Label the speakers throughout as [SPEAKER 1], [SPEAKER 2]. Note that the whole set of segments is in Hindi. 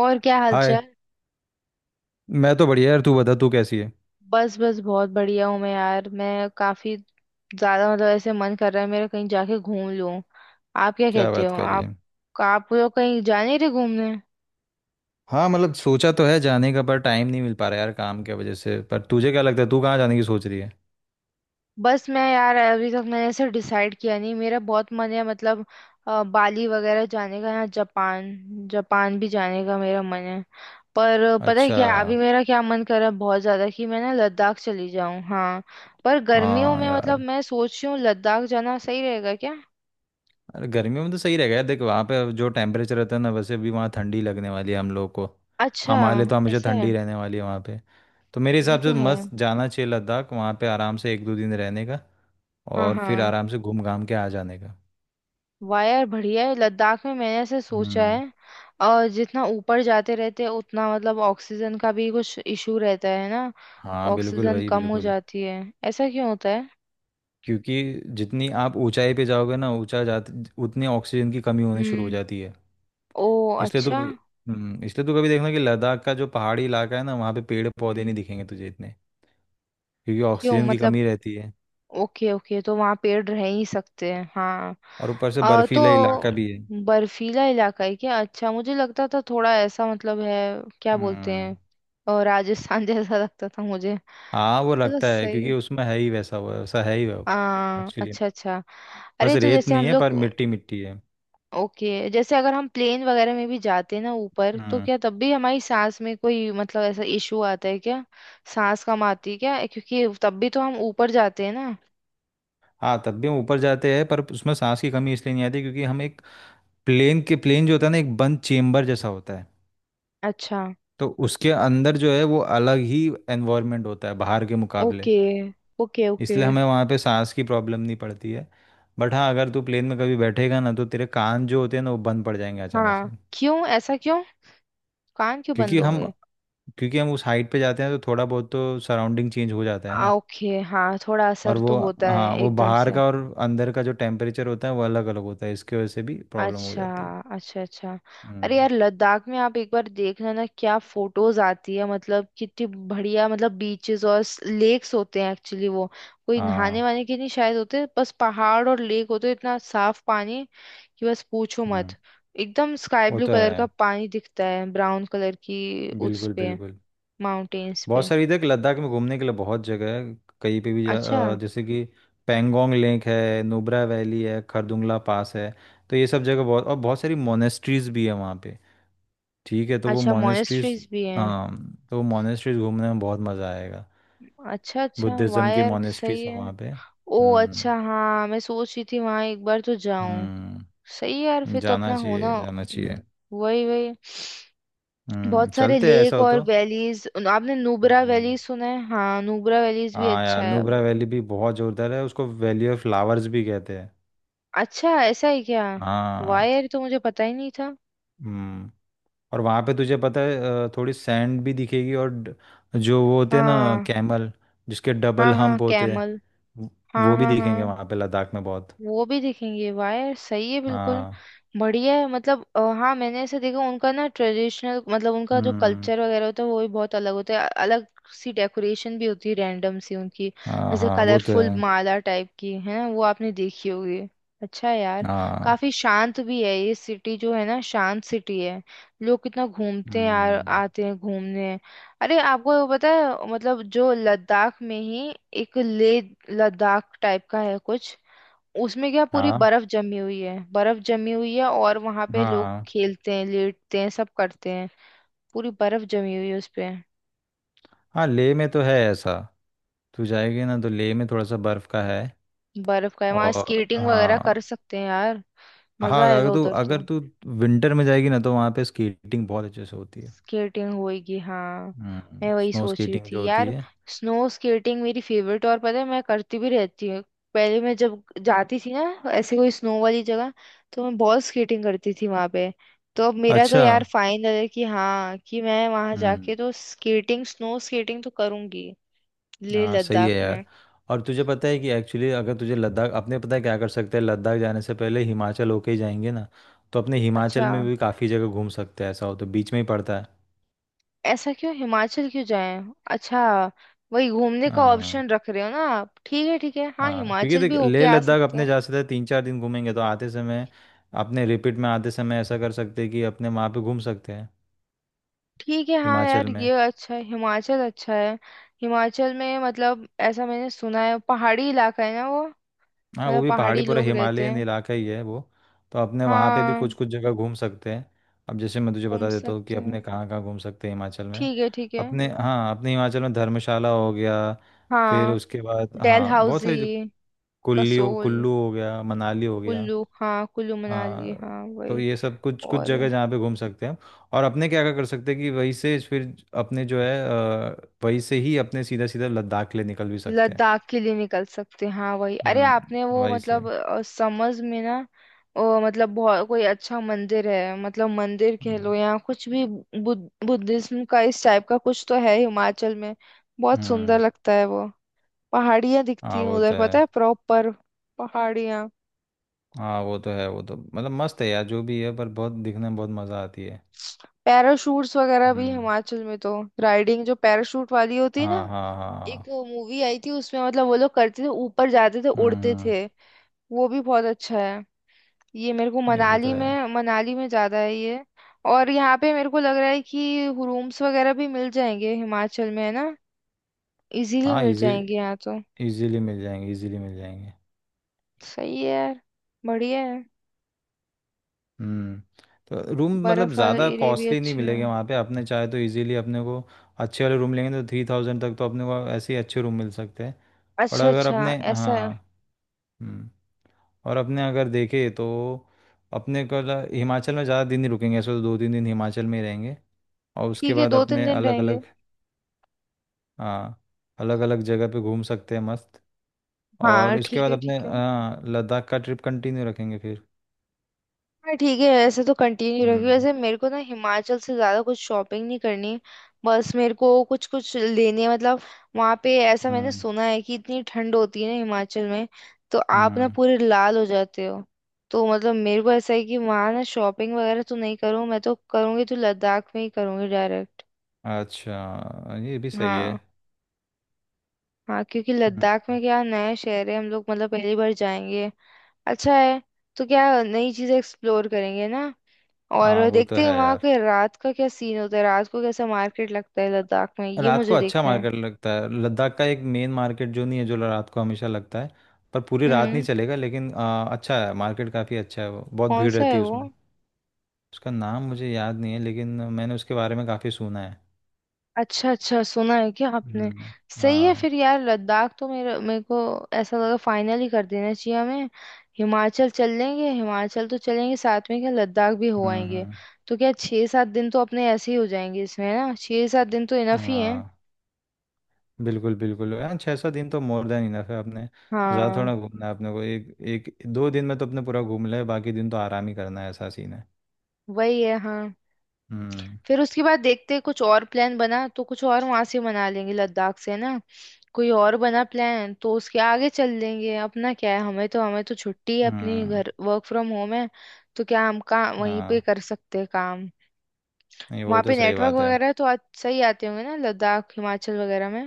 [SPEAKER 1] और क्या
[SPEAKER 2] हाय।
[SPEAKER 1] हालचाल।
[SPEAKER 2] मैं तो बढ़िया यार, तू बता तू कैसी है।
[SPEAKER 1] बस बस बहुत बढ़िया हूँ मैं यार। मैं काफी ज्यादा मतलब ऐसे मन कर रहा है मेरा कहीं जाके घूम लूं। आप क्या
[SPEAKER 2] क्या
[SPEAKER 1] कहते
[SPEAKER 2] बात
[SPEAKER 1] हो
[SPEAKER 2] कर रही
[SPEAKER 1] आप?
[SPEAKER 2] है।
[SPEAKER 1] आप लोग कहीं जा नहीं रहे घूमने?
[SPEAKER 2] हाँ मतलब सोचा तो है जाने का पर टाइम नहीं मिल पा रहा यार काम की वजह से, पर तुझे क्या लगता है तू कहाँ जाने की सोच रही है।
[SPEAKER 1] बस मैं यार अभी तक मैंने ऐसे डिसाइड किया नहीं। मेरा बहुत मन है मतलब बाली वगैरह जाने का या जापान। जापान भी जाने का मेरा मन है। पर पता है
[SPEAKER 2] अच्छा।
[SPEAKER 1] क्या अभी मेरा क्या मन कर रहा है बहुत ज्यादा, कि मैं ना लद्दाख चली जाऊं। हाँ, पर गर्मियों
[SPEAKER 2] हाँ
[SPEAKER 1] में मतलब
[SPEAKER 2] यार।
[SPEAKER 1] मैं सोच रही हूँ लद्दाख जाना सही रहेगा क्या?
[SPEAKER 2] अरे गर्मियों में तो सही रहेगा यार, देख वहाँ पे जो टेम्परेचर रहता है ना वैसे भी वहाँ ठंडी लगने वाली है हम लोग को।
[SPEAKER 1] अच्छा,
[SPEAKER 2] हमारे लिए तो हमेशा
[SPEAKER 1] ऐसा है?
[SPEAKER 2] ठंडी रहने वाली है वहाँ पे। तो मेरे
[SPEAKER 1] ये
[SPEAKER 2] हिसाब
[SPEAKER 1] तो
[SPEAKER 2] से
[SPEAKER 1] है।
[SPEAKER 2] मस्त जाना चाहिए लद्दाख, वहाँ पे आराम से 1-2 दिन रहने का।
[SPEAKER 1] हाँ
[SPEAKER 2] और फिर
[SPEAKER 1] हाँ।
[SPEAKER 2] आराम से घूम घाम के आ जाने का।
[SPEAKER 1] वाह यार बढ़िया है। लद्दाख में मैंने ऐसे सोचा
[SPEAKER 2] हम्म।
[SPEAKER 1] है। और जितना ऊपर जाते रहते हैं उतना मतलब ऑक्सीजन का भी कुछ इशू रहता है ना।
[SPEAKER 2] हाँ बिल्कुल
[SPEAKER 1] ऑक्सीजन
[SPEAKER 2] भाई
[SPEAKER 1] कम हो
[SPEAKER 2] बिल्कुल।
[SPEAKER 1] जाती है। ऐसा क्यों होता है?
[SPEAKER 2] क्योंकि जितनी आप ऊंचाई पे जाओगे ना, ऊंचा जाते उतनी ऑक्सीजन की कमी होनी शुरू हो
[SPEAKER 1] हम्म।
[SPEAKER 2] जाती है।
[SPEAKER 1] ओ
[SPEAKER 2] इसलिए तो
[SPEAKER 1] अच्छा।
[SPEAKER 2] हम्म इसलिए तो कभी देखना कि लद्दाख का जो पहाड़ी इलाका है ना वहाँ पे पेड़ पौधे नहीं
[SPEAKER 1] हम्म।
[SPEAKER 2] दिखेंगे तुझे इतने। क्योंकि
[SPEAKER 1] क्यों
[SPEAKER 2] ऑक्सीजन की
[SPEAKER 1] मतलब?
[SPEAKER 2] कमी रहती है।
[SPEAKER 1] ओके ओके, तो वहाँ पेड़ रह ही सकते हैं हाँ।
[SPEAKER 2] और ऊपर से बर्फीला
[SPEAKER 1] तो
[SPEAKER 2] इलाका भी है।
[SPEAKER 1] बर्फीला इलाका है क्या? अच्छा, मुझे लगता था थोड़ा ऐसा मतलब है क्या बोलते
[SPEAKER 2] हम्म।
[SPEAKER 1] हैं और राजस्थान जैसा लगता था मुझे।
[SPEAKER 2] हाँ वो
[SPEAKER 1] चलो
[SPEAKER 2] लगता है
[SPEAKER 1] सही
[SPEAKER 2] क्योंकि
[SPEAKER 1] है।
[SPEAKER 2] उसमें है ही वैसा, वो वैसा है ही वो। एक्चुअली
[SPEAKER 1] अच्छा अच्छा।
[SPEAKER 2] बस
[SPEAKER 1] अरे तो
[SPEAKER 2] रेत
[SPEAKER 1] जैसे
[SPEAKER 2] नहीं
[SPEAKER 1] हम
[SPEAKER 2] है पर
[SPEAKER 1] लोग,
[SPEAKER 2] मिट्टी मिट्टी है।
[SPEAKER 1] ओके जैसे अगर हम प्लेन वगैरह में भी जाते हैं ना ऊपर, तो
[SPEAKER 2] हम्म।
[SPEAKER 1] क्या तब भी हमारी सांस में कोई मतलब ऐसा इशू आता है क्या? सांस कम आती है क्या, क्योंकि तब भी तो हम ऊपर जाते हैं ना।
[SPEAKER 2] हाँ तब भी हम ऊपर जाते हैं पर उसमें सांस की कमी इसलिए नहीं आती क्योंकि हम एक प्लेन जो होता है ना एक बंद चेम्बर जैसा होता है।
[SPEAKER 1] अच्छा।
[SPEAKER 2] तो उसके अंदर जो है वो अलग ही एनवायरनमेंट होता है बाहर के मुकाबले।
[SPEAKER 1] Okay okay okay.
[SPEAKER 2] इसलिए हमें वहाँ पे सांस की प्रॉब्लम नहीं पड़ती है। बट हाँ अगर तू प्लेन में कभी बैठेगा ना तो तेरे कान जो होते हैं ना वो बंद पड़ जाएंगे अचानक
[SPEAKER 1] हाँ
[SPEAKER 2] से।
[SPEAKER 1] क्यों, ऐसा क्यों? कान क्यों बंद
[SPEAKER 2] क्योंकि हम
[SPEAKER 1] होंगे?
[SPEAKER 2] क्योंकि हम उस हाइट पे जाते हैं तो थोड़ा बहुत तो सराउंडिंग चेंज हो जाता है ना।
[SPEAKER 1] ओके हाँ थोड़ा
[SPEAKER 2] और
[SPEAKER 1] असर तो
[SPEAKER 2] वो
[SPEAKER 1] होता है
[SPEAKER 2] हाँ वो
[SPEAKER 1] एकदम
[SPEAKER 2] बाहर
[SPEAKER 1] से।
[SPEAKER 2] का और अंदर का जो टेम्परेचर होता है वो अलग अलग होता है, इसकी वजह से भी प्रॉब्लम हो
[SPEAKER 1] अच्छा।
[SPEAKER 2] जाती है।
[SPEAKER 1] अच्छा अच्छा। अरे
[SPEAKER 2] हम्म।
[SPEAKER 1] यार लद्दाख में आप एक बार देखना ना, क्या फोटोज आती है मतलब कितनी बढ़िया। मतलब बीचेस और लेक्स होते हैं एक्चुअली वो। कोई नहाने
[SPEAKER 2] हाँ
[SPEAKER 1] वाने के नहीं शायद होते, बस पहाड़ और लेक होते हैं, इतना साफ पानी कि बस पूछो मत।
[SPEAKER 2] हम्म।
[SPEAKER 1] एकदम स्काई
[SPEAKER 2] वो
[SPEAKER 1] ब्लू
[SPEAKER 2] तो
[SPEAKER 1] कलर का
[SPEAKER 2] है
[SPEAKER 1] पानी दिखता है, ब्राउन कलर की उस
[SPEAKER 2] बिल्कुल
[SPEAKER 1] पे
[SPEAKER 2] बिल्कुल।
[SPEAKER 1] माउंटेन्स
[SPEAKER 2] बहुत
[SPEAKER 1] पे।
[SPEAKER 2] सारी इधर के लद्दाख में घूमने के लिए बहुत जगह है। कहीं पे भी जा।
[SPEAKER 1] अच्छा,
[SPEAKER 2] जैसे कि पैंगोंग लेक है, नुब्रा वैली है, खरदुंगला पास है। तो ये सब जगह बहुत और बहुत सारी मोनेस्ट्रीज भी है वहाँ पे। ठीक है। तो वो
[SPEAKER 1] अच्छा
[SPEAKER 2] मोनेस्ट्रीज
[SPEAKER 1] मोनेस्ट्रीज भी हैं?
[SPEAKER 2] हाँ तो वो मोनेस्ट्रीज घूमने में बहुत मज़ा आएगा।
[SPEAKER 1] अच्छा अच्छा, वाह
[SPEAKER 2] बुद्धिज़्म की
[SPEAKER 1] यार
[SPEAKER 2] मोनेस्ट्रीज
[SPEAKER 1] सही
[SPEAKER 2] है
[SPEAKER 1] है।
[SPEAKER 2] वहाँ पे।
[SPEAKER 1] ओ
[SPEAKER 2] हम्म।
[SPEAKER 1] अच्छा, हाँ मैं सोच रही थी वहां एक बार तो जाऊं।
[SPEAKER 2] हम्म।
[SPEAKER 1] सही है यार, फिर तो
[SPEAKER 2] जाना
[SPEAKER 1] अपना
[SPEAKER 2] चाहिए
[SPEAKER 1] होना।
[SPEAKER 2] जाना चाहिए।
[SPEAKER 1] वही वही। बहुत सारे
[SPEAKER 2] चलते हैं ऐसा
[SPEAKER 1] लेक
[SPEAKER 2] हो
[SPEAKER 1] और
[SPEAKER 2] तो।
[SPEAKER 1] वैलीज। आपने नुब्रा
[SPEAKER 2] हम्म।
[SPEAKER 1] वैली सुना है? हाँ नुब्रा वैलीज भी
[SPEAKER 2] हाँ
[SPEAKER 1] अच्छा
[SPEAKER 2] यार
[SPEAKER 1] है।
[SPEAKER 2] नुब्रा वैली भी बहुत जोरदार है, उसको वैली ऑफ फ्लावर्स भी कहते हैं।
[SPEAKER 1] अच्छा ऐसा है क्या?
[SPEAKER 2] हाँ।
[SPEAKER 1] वायर तो मुझे पता ही नहीं था।
[SPEAKER 2] हम्म। और वहाँ पे तुझे पता है थोड़ी सैंड भी दिखेगी और जो वो होते हैं ना
[SPEAKER 1] हाँ
[SPEAKER 2] कैमल, जिसके
[SPEAKER 1] हाँ
[SPEAKER 2] डबल
[SPEAKER 1] हाँ
[SPEAKER 2] हम्प होते हैं।
[SPEAKER 1] कैमल।
[SPEAKER 2] वो
[SPEAKER 1] हाँ
[SPEAKER 2] वो भी
[SPEAKER 1] हाँ
[SPEAKER 2] दिखेंगे
[SPEAKER 1] हाँ
[SPEAKER 2] वहाँ पे लद्दाख में बहुत।
[SPEAKER 1] वो भी दिखेंगे, वाह यार सही है बिल्कुल।
[SPEAKER 2] हाँ।
[SPEAKER 1] बढ़िया है। मतलब हाँ मैंने ऐसे देखा उनका ना, ट्रेडिशनल मतलब उनका जो
[SPEAKER 2] हम्म।
[SPEAKER 1] कल्चर वगैरह होता है वो भी बहुत अलग होता है। अलग सी डेकोरेशन भी होती है रैंडम सी उनकी।
[SPEAKER 2] हाँ
[SPEAKER 1] जैसे
[SPEAKER 2] हाँ वो तो
[SPEAKER 1] कलरफुल
[SPEAKER 2] है।
[SPEAKER 1] माला टाइप की है ना, वो आपने देखी होगी। अच्छा है यार।
[SPEAKER 2] हाँ।
[SPEAKER 1] काफी शांत भी है ये सिटी जो है ना, शांत सिटी है। लोग कितना घूमते हैं यार,
[SPEAKER 2] हम्म।
[SPEAKER 1] आते हैं घूमने। अरे आपको वो पता है मतलब जो लद्दाख में ही एक लेह लद्दाख टाइप का है कुछ, उसमें क्या पूरी
[SPEAKER 2] हाँ
[SPEAKER 1] बर्फ जमी हुई है। बर्फ जमी हुई है और वहां पे लोग
[SPEAKER 2] हाँ
[SPEAKER 1] खेलते हैं, लेटते हैं, सब करते हैं। पूरी बर्फ जमी हुई है उसपे।
[SPEAKER 2] हाँ। लेह में तो है ऐसा। तू जाएगी ना तो लेह में थोड़ा सा बर्फ़ का है।
[SPEAKER 1] बर्फ का है, वहां
[SPEAKER 2] और
[SPEAKER 1] स्केटिंग वगैरह कर
[SPEAKER 2] हाँ
[SPEAKER 1] सकते हैं यार।
[SPEAKER 2] हाँ
[SPEAKER 1] मजा
[SPEAKER 2] अगर
[SPEAKER 1] आएगा
[SPEAKER 2] तू
[SPEAKER 1] उधर तो।
[SPEAKER 2] अगर तू विंटर में जाएगी ना तो वहाँ पे स्केटिंग बहुत अच्छे से होती है।
[SPEAKER 1] स्केटिंग होएगी हाँ। मैं वही
[SPEAKER 2] स्नो
[SPEAKER 1] सोच रही
[SPEAKER 2] स्केटिंग
[SPEAKER 1] थी
[SPEAKER 2] जो होती
[SPEAKER 1] यार।
[SPEAKER 2] है।
[SPEAKER 1] स्नो स्केटिंग मेरी फेवरेट, और पता है मैं करती भी रहती हूँ। पहले मैं जब जाती थी ना ऐसे कोई स्नो वाली जगह, तो मैं बहुत स्केटिंग करती थी वहां पे। तो अब मेरा तो
[SPEAKER 2] अच्छा।
[SPEAKER 1] यार फाइनल है कि हाँ, कि मैं वहां
[SPEAKER 2] हम्म।
[SPEAKER 1] जाके तो स्केटिंग स्नो स्केटिंग तो करूंगी। लेह
[SPEAKER 2] हाँ सही
[SPEAKER 1] लद्दाख
[SPEAKER 2] है यार।
[SPEAKER 1] में।
[SPEAKER 2] और तुझे पता है कि एक्चुअली अगर तुझे लद्दाख अपने पता है क्या कर सकते हैं, लद्दाख जाने से पहले हिमाचल होके ही जाएंगे ना। तो अपने हिमाचल
[SPEAKER 1] अच्छा,
[SPEAKER 2] में भी काफ़ी जगह घूम सकते हैं ऐसा हो तो, बीच में ही पड़ता है।
[SPEAKER 1] ऐसा क्यों, हिमाचल क्यों जाएं? अच्छा, वही घूमने का
[SPEAKER 2] हाँ।
[SPEAKER 1] ऑप्शन रख रहे हो ना आप, ठीक है ठीक है, हाँ
[SPEAKER 2] हाँ क्योंकि
[SPEAKER 1] हिमाचल भी
[SPEAKER 2] देख
[SPEAKER 1] होके
[SPEAKER 2] लेह
[SPEAKER 1] आ
[SPEAKER 2] लद्दाख
[SPEAKER 1] सकते हैं।
[SPEAKER 2] अपने जा सकते हैं, 3-4 दिन घूमेंगे तो आते समय अपने रिपीट में आते समय ऐसा कर सकते हैं कि अपने वहाँ पे घूम सकते हैं
[SPEAKER 1] ठीक है हाँ
[SPEAKER 2] हिमाचल
[SPEAKER 1] यार, ये
[SPEAKER 2] में।
[SPEAKER 1] अच्छा है, हिमाचल अच्छा है। हिमाचल में मतलब ऐसा मैंने सुना है पहाड़ी इलाका है ना वो,
[SPEAKER 2] हाँ वो
[SPEAKER 1] मतलब
[SPEAKER 2] भी पहाड़ी
[SPEAKER 1] पहाड़ी
[SPEAKER 2] पूरा
[SPEAKER 1] लोग रहते
[SPEAKER 2] हिमालयन
[SPEAKER 1] हैं।
[SPEAKER 2] इलाका ही है वो। तो अपने वहाँ पे भी
[SPEAKER 1] हाँ,
[SPEAKER 2] कुछ कुछ जगह घूम सकते हैं। अब जैसे मैं तुझे
[SPEAKER 1] घूम
[SPEAKER 2] बता देता हूँ कि
[SPEAKER 1] सकते
[SPEAKER 2] अपने
[SPEAKER 1] हैं,
[SPEAKER 2] कहाँ कहाँ घूम सकते हैं हिमाचल में।
[SPEAKER 1] ठीक है ठीक है।
[SPEAKER 2] अपने हिमाचल में धर्मशाला हो गया। फिर
[SPEAKER 1] हाँ,
[SPEAKER 2] उसके बाद हाँ बहुत
[SPEAKER 1] डलहौजी,
[SPEAKER 2] सारी
[SPEAKER 1] कसोल,
[SPEAKER 2] कुल्लू हो गया, मनाली हो गया।
[SPEAKER 1] कुल्लू, हाँ कुल्लू मनाली
[SPEAKER 2] हाँ
[SPEAKER 1] हाँ
[SPEAKER 2] तो
[SPEAKER 1] वही।
[SPEAKER 2] ये सब कुछ कुछ
[SPEAKER 1] और
[SPEAKER 2] जगह जहाँ पे घूम सकते हैं। और अपने क्या क्या कर सकते हैं कि वहीं से फिर अपने जो है वहीं से ही अपने सीधा सीधा लद्दाख के लिए निकल भी सकते हैं।
[SPEAKER 1] लद्दाख के लिए निकल सकते हैं हाँ वही। अरे आपने वो
[SPEAKER 2] वहीं से।
[SPEAKER 1] मतलब समझ में ना, मतलब बहुत कोई अच्छा मंदिर है, मतलब मंदिर कह लो
[SPEAKER 2] हम्म।
[SPEAKER 1] या कुछ भी, बुद्ध बुद्धिज्म का इस टाइप का कुछ तो है हिमाचल में। बहुत सुंदर
[SPEAKER 2] हम्म।
[SPEAKER 1] लगता है वो। पहाड़ियाँ दिखती
[SPEAKER 2] हाँ
[SPEAKER 1] हैं
[SPEAKER 2] वो तो
[SPEAKER 1] उधर,
[SPEAKER 2] है।
[SPEAKER 1] पता है प्रॉपर पहाड़ियाँ।
[SPEAKER 2] हाँ वो तो है वो तो मतलब मस्त है यार जो भी है पर बहुत दिखने में बहुत मज़ा आती है।
[SPEAKER 1] पैराशूट्स वगैरह भी
[SPEAKER 2] हम्म।
[SPEAKER 1] हिमाचल में तो राइडिंग जो पैराशूट वाली होती है ना।
[SPEAKER 2] हाँ हाँ
[SPEAKER 1] एक
[SPEAKER 2] हाँ।
[SPEAKER 1] मूवी आई थी उसमें मतलब वो लोग करते थे, ऊपर जाते थे,
[SPEAKER 2] हम्म
[SPEAKER 1] उड़ते
[SPEAKER 2] हम्म,
[SPEAKER 1] थे। वो भी बहुत अच्छा है। ये मेरे को
[SPEAKER 2] ये वो तो
[SPEAKER 1] मनाली
[SPEAKER 2] है।
[SPEAKER 1] में, मनाली में ज्यादा है ये। और यहाँ पे मेरे को लग रहा है कि रूम्स वगैरह भी मिल जाएंगे हिमाचल में है ना, इजीली
[SPEAKER 2] हाँ
[SPEAKER 1] मिल जाएंगे यहाँ तो।
[SPEAKER 2] इजीली मिल जाएंगे, इजीली मिल जाएंगे।
[SPEAKER 1] सही है यार। बढ़िया है।
[SPEAKER 2] हम्म। तो रूम मतलब
[SPEAKER 1] बर्फ वाला
[SPEAKER 2] ज़्यादा
[SPEAKER 1] एरिया भी
[SPEAKER 2] कॉस्टली नहीं
[SPEAKER 1] अच्छा है।
[SPEAKER 2] मिलेंगे वहाँ पे, अपने चाहे तो इजीली अपने को अच्छे वाले रूम लेंगे तो 3,000 तक तो अपने को ऐसे ही अच्छे रूम मिल सकते हैं। पर
[SPEAKER 1] अच्छा
[SPEAKER 2] अगर
[SPEAKER 1] अच्छा
[SPEAKER 2] अपने
[SPEAKER 1] ऐसा है।
[SPEAKER 2] हाँ हम्म, और अपने अगर देखे तो अपने को हिमाचल में ज़्यादा दिन नहीं रुकेंगे, ऐसे तो 2-3 दिन हिमाचल में ही रहेंगे। और उसके
[SPEAKER 1] ठीक है,
[SPEAKER 2] बाद
[SPEAKER 1] दो तीन
[SPEAKER 2] अपने
[SPEAKER 1] दिन
[SPEAKER 2] अलग
[SPEAKER 1] रहेंगे।
[SPEAKER 2] अलग हाँ अलग अलग जगह पे घूम सकते हैं मस्त। और
[SPEAKER 1] हाँ
[SPEAKER 2] उसके
[SPEAKER 1] ठीक
[SPEAKER 2] बाद
[SPEAKER 1] है
[SPEAKER 2] अपने
[SPEAKER 1] ठीक है।
[SPEAKER 2] हाँ लद्दाख का ट्रिप कंटिन्यू रखेंगे फिर।
[SPEAKER 1] हाँ ठीक है, ऐसे तो कंटिन्यू रखिए।
[SPEAKER 2] हम्म
[SPEAKER 1] वैसे मेरे को ना हिमाचल से ज़्यादा कुछ शॉपिंग नहीं करनी। बस मेरे को कुछ कुछ लेने मतलब, वहाँ पे ऐसा मैंने
[SPEAKER 2] हम्म
[SPEAKER 1] सुना है कि इतनी ठंड होती है ना हिमाचल में, तो आप ना
[SPEAKER 2] हम्म।
[SPEAKER 1] पूरे लाल हो जाते हो। तो मतलब मेरे को ऐसा है कि वहाँ ना शॉपिंग वगैरह तो नहीं करूँ मैं, तो करूँगी तो लद्दाख में ही करूँगी डायरेक्ट।
[SPEAKER 2] अच्छा ये भी सही है।
[SPEAKER 1] हाँ। हाँ क्योंकि
[SPEAKER 2] हम्म,
[SPEAKER 1] लद्दाख में क्या नया शहर है, हम लोग मतलब पहली बार जाएंगे। अच्छा है। तो क्या नई चीज़ें एक्सप्लोर करेंगे ना।
[SPEAKER 2] हाँ
[SPEAKER 1] और
[SPEAKER 2] वो तो
[SPEAKER 1] देखते हैं
[SPEAKER 2] है
[SPEAKER 1] वहां
[SPEAKER 2] यार।
[SPEAKER 1] के रात का क्या सीन होता है, रात को कैसा मार्केट लगता है लद्दाख में, ये
[SPEAKER 2] रात को
[SPEAKER 1] मुझे
[SPEAKER 2] अच्छा
[SPEAKER 1] देखना है।
[SPEAKER 2] मार्केट लगता है लद्दाख का, एक मेन मार्केट जो नहीं है जो रात को हमेशा लगता है। पर पूरी रात नहीं
[SPEAKER 1] हम्म,
[SPEAKER 2] चलेगा लेकिन अच्छा है मार्केट, काफ़ी अच्छा है वो, बहुत
[SPEAKER 1] कौन
[SPEAKER 2] भीड़
[SPEAKER 1] सा
[SPEAKER 2] रहती
[SPEAKER 1] है
[SPEAKER 2] है
[SPEAKER 1] वो?
[SPEAKER 2] उसमें। उसका नाम मुझे याद नहीं है, लेकिन मैंने उसके बारे में काफ़ी सुना है।
[SPEAKER 1] अच्छा अच्छा, सुना है क्या आपने?
[SPEAKER 2] हम्म।
[SPEAKER 1] सही है
[SPEAKER 2] हाँ।
[SPEAKER 1] फिर यार, लद्दाख तो मेरे मेरे को ऐसा लगा फाइनल ही कर देना चाहिए हमें। हिमाचल चल लेंगे, हिमाचल तो चलेंगे, साथ में क्या लद्दाख भी हो
[SPEAKER 2] हम्म।
[SPEAKER 1] आएंगे।
[SPEAKER 2] हम्म।
[SPEAKER 1] तो क्या छः सात दिन तो अपने ऐसे ही हो जाएंगे इसमें है ना, छः सात दिन तो इनफ ही है।
[SPEAKER 2] हाँ बिल्कुल बिल्कुल, हाँ 600 दिन तो मोर देन इनफ है अपने। ज़्यादा थोड़ा
[SPEAKER 1] हाँ
[SPEAKER 2] घूमना है अपने को, एक एक दो दिन में तो अपने पूरा घूम ले, बाकी दिन तो आराम ही करना है ऐसा सीन है।
[SPEAKER 1] वही है हाँ।
[SPEAKER 2] हम्म
[SPEAKER 1] फिर उसके बाद देखते हैं, कुछ और प्लान बना तो कुछ और वहां से मना लेंगे लद्दाख से ना। कोई और बना प्लान तो उसके आगे चल लेंगे। अपना क्या है, हमें तो, हमें तो छुट्टी है अपनी,
[SPEAKER 2] हम्म।
[SPEAKER 1] घर वर्क फ्रॉम होम है, तो क्या हम काम वहीं पे
[SPEAKER 2] हाँ
[SPEAKER 1] कर सकते हैं काम।
[SPEAKER 2] नहीं वो
[SPEAKER 1] वहां
[SPEAKER 2] तो
[SPEAKER 1] पे
[SPEAKER 2] सही
[SPEAKER 1] नेटवर्क
[SPEAKER 2] बात है।
[SPEAKER 1] वगैरह तो अच्छा ही आते होंगे ना लद्दाख हिमाचल वगैरह में।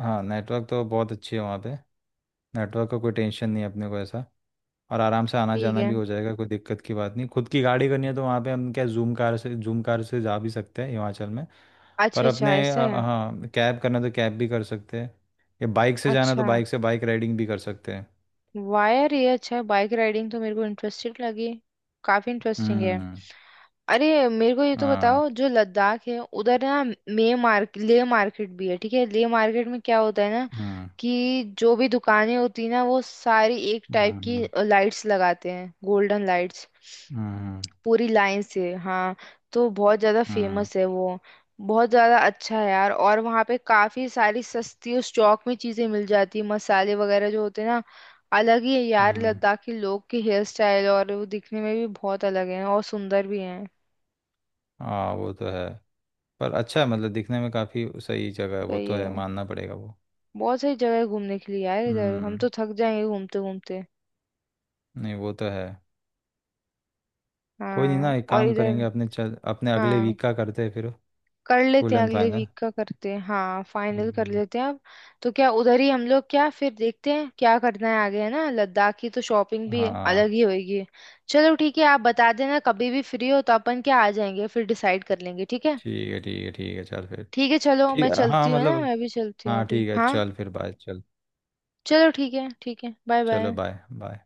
[SPEAKER 2] हाँ नेटवर्क तो बहुत अच्छी है वहाँ पे। नेटवर्क का कोई टेंशन नहीं है अपने को ऐसा। और आराम से आना
[SPEAKER 1] ठीक
[SPEAKER 2] जाना
[SPEAKER 1] है।
[SPEAKER 2] भी हो जाएगा, कोई दिक्कत की बात नहीं, खुद की गाड़ी करनी है तो वहाँ पे हम क्या जूम कार से जा भी सकते हैं हिमाचल में। पर
[SPEAKER 1] अच्छा अच्छा
[SPEAKER 2] अपने
[SPEAKER 1] ऐसा है।
[SPEAKER 2] हाँ कैब करना तो कैब भी कर सकते हैं। या बाइक से जाना तो
[SPEAKER 1] अच्छा,
[SPEAKER 2] बाइक से बाइक राइडिंग भी कर सकते हैं।
[SPEAKER 1] वायर ये अच्छा है, बाइक राइडिंग तो मेरे को इंटरेस्टिंग लगी। काफी इंटरेस्टिंग है। अरे मेरे को ये तो बताओ जो लद्दाख है उधर ना, मे मार्केट ले मार्केट भी है, ठीक है ले मार्केट में क्या होता है ना, कि जो भी दुकानें होती है ना, वो सारी एक टाइप की
[SPEAKER 2] うんうん、うん、うん、うん、うん、うんहाँ
[SPEAKER 1] लाइट्स लगाते हैं, गोल्डन लाइट्स, पूरी लाइन से हाँ। तो बहुत ज्यादा फेमस है वो। बहुत ज्यादा अच्छा है यार, और वहाँ पे काफी सारी सस्ती उस चौक में चीजें मिल जाती है, मसाले वगैरह जो होते हैं ना। अलग ही है यार लद्दाखी लोग के हेयर स्टाइल, और वो दिखने में भी बहुत अलग है और सुंदर भी है।
[SPEAKER 2] वो तो है। पर अच्छा है मतलब दिखने में काफ़ी सही जगह है, वो तो
[SPEAKER 1] सही
[SPEAKER 2] है
[SPEAKER 1] है।
[SPEAKER 2] मानना पड़ेगा वो।
[SPEAKER 1] बहुत सारी जगह है घूमने के लिए यार इधर, हम
[SPEAKER 2] हम्म।
[SPEAKER 1] तो थक जाएंगे घूमते घूमते।
[SPEAKER 2] नहीं वो तो है। कोई नहीं ना,
[SPEAKER 1] हाँ
[SPEAKER 2] एक
[SPEAKER 1] और
[SPEAKER 2] काम
[SPEAKER 1] इधर,
[SPEAKER 2] करेंगे अपने, चल अपने अगले
[SPEAKER 1] हाँ
[SPEAKER 2] वीक का करते हैं फिर।
[SPEAKER 1] कर
[SPEAKER 2] फुल
[SPEAKER 1] लेते हैं,
[SPEAKER 2] एंड
[SPEAKER 1] अगले
[SPEAKER 2] फाइनल।
[SPEAKER 1] वीक का करते हैं हाँ, फाइनल कर
[SPEAKER 2] हम्म।
[SPEAKER 1] लेते हैं अब। तो क्या उधर ही हम लोग क्या फिर देखते हैं क्या करना है आगे है ना, लद्दाख की तो शॉपिंग भी अलग
[SPEAKER 2] हाँ
[SPEAKER 1] ही होगी। चलो ठीक है, आप बता देना कभी भी फ्री हो तो अपन क्या आ जाएंगे फिर, डिसाइड कर लेंगे। ठीक है
[SPEAKER 2] ठीक है ठीक है ठीक है चल फिर।
[SPEAKER 1] ठीक है। चलो
[SPEAKER 2] ठीक
[SPEAKER 1] मैं
[SPEAKER 2] है हाँ
[SPEAKER 1] चलती हूँ है ना,
[SPEAKER 2] मतलब।
[SPEAKER 1] मैं भी चलती हूँ
[SPEAKER 2] हाँ
[SPEAKER 1] अभी
[SPEAKER 2] ठीक है
[SPEAKER 1] हाँ।
[SPEAKER 2] चल फिर, बाय चल।
[SPEAKER 1] चलो ठीक है ठीक है, बाय
[SPEAKER 2] चलो,
[SPEAKER 1] बाय।
[SPEAKER 2] Bye bye.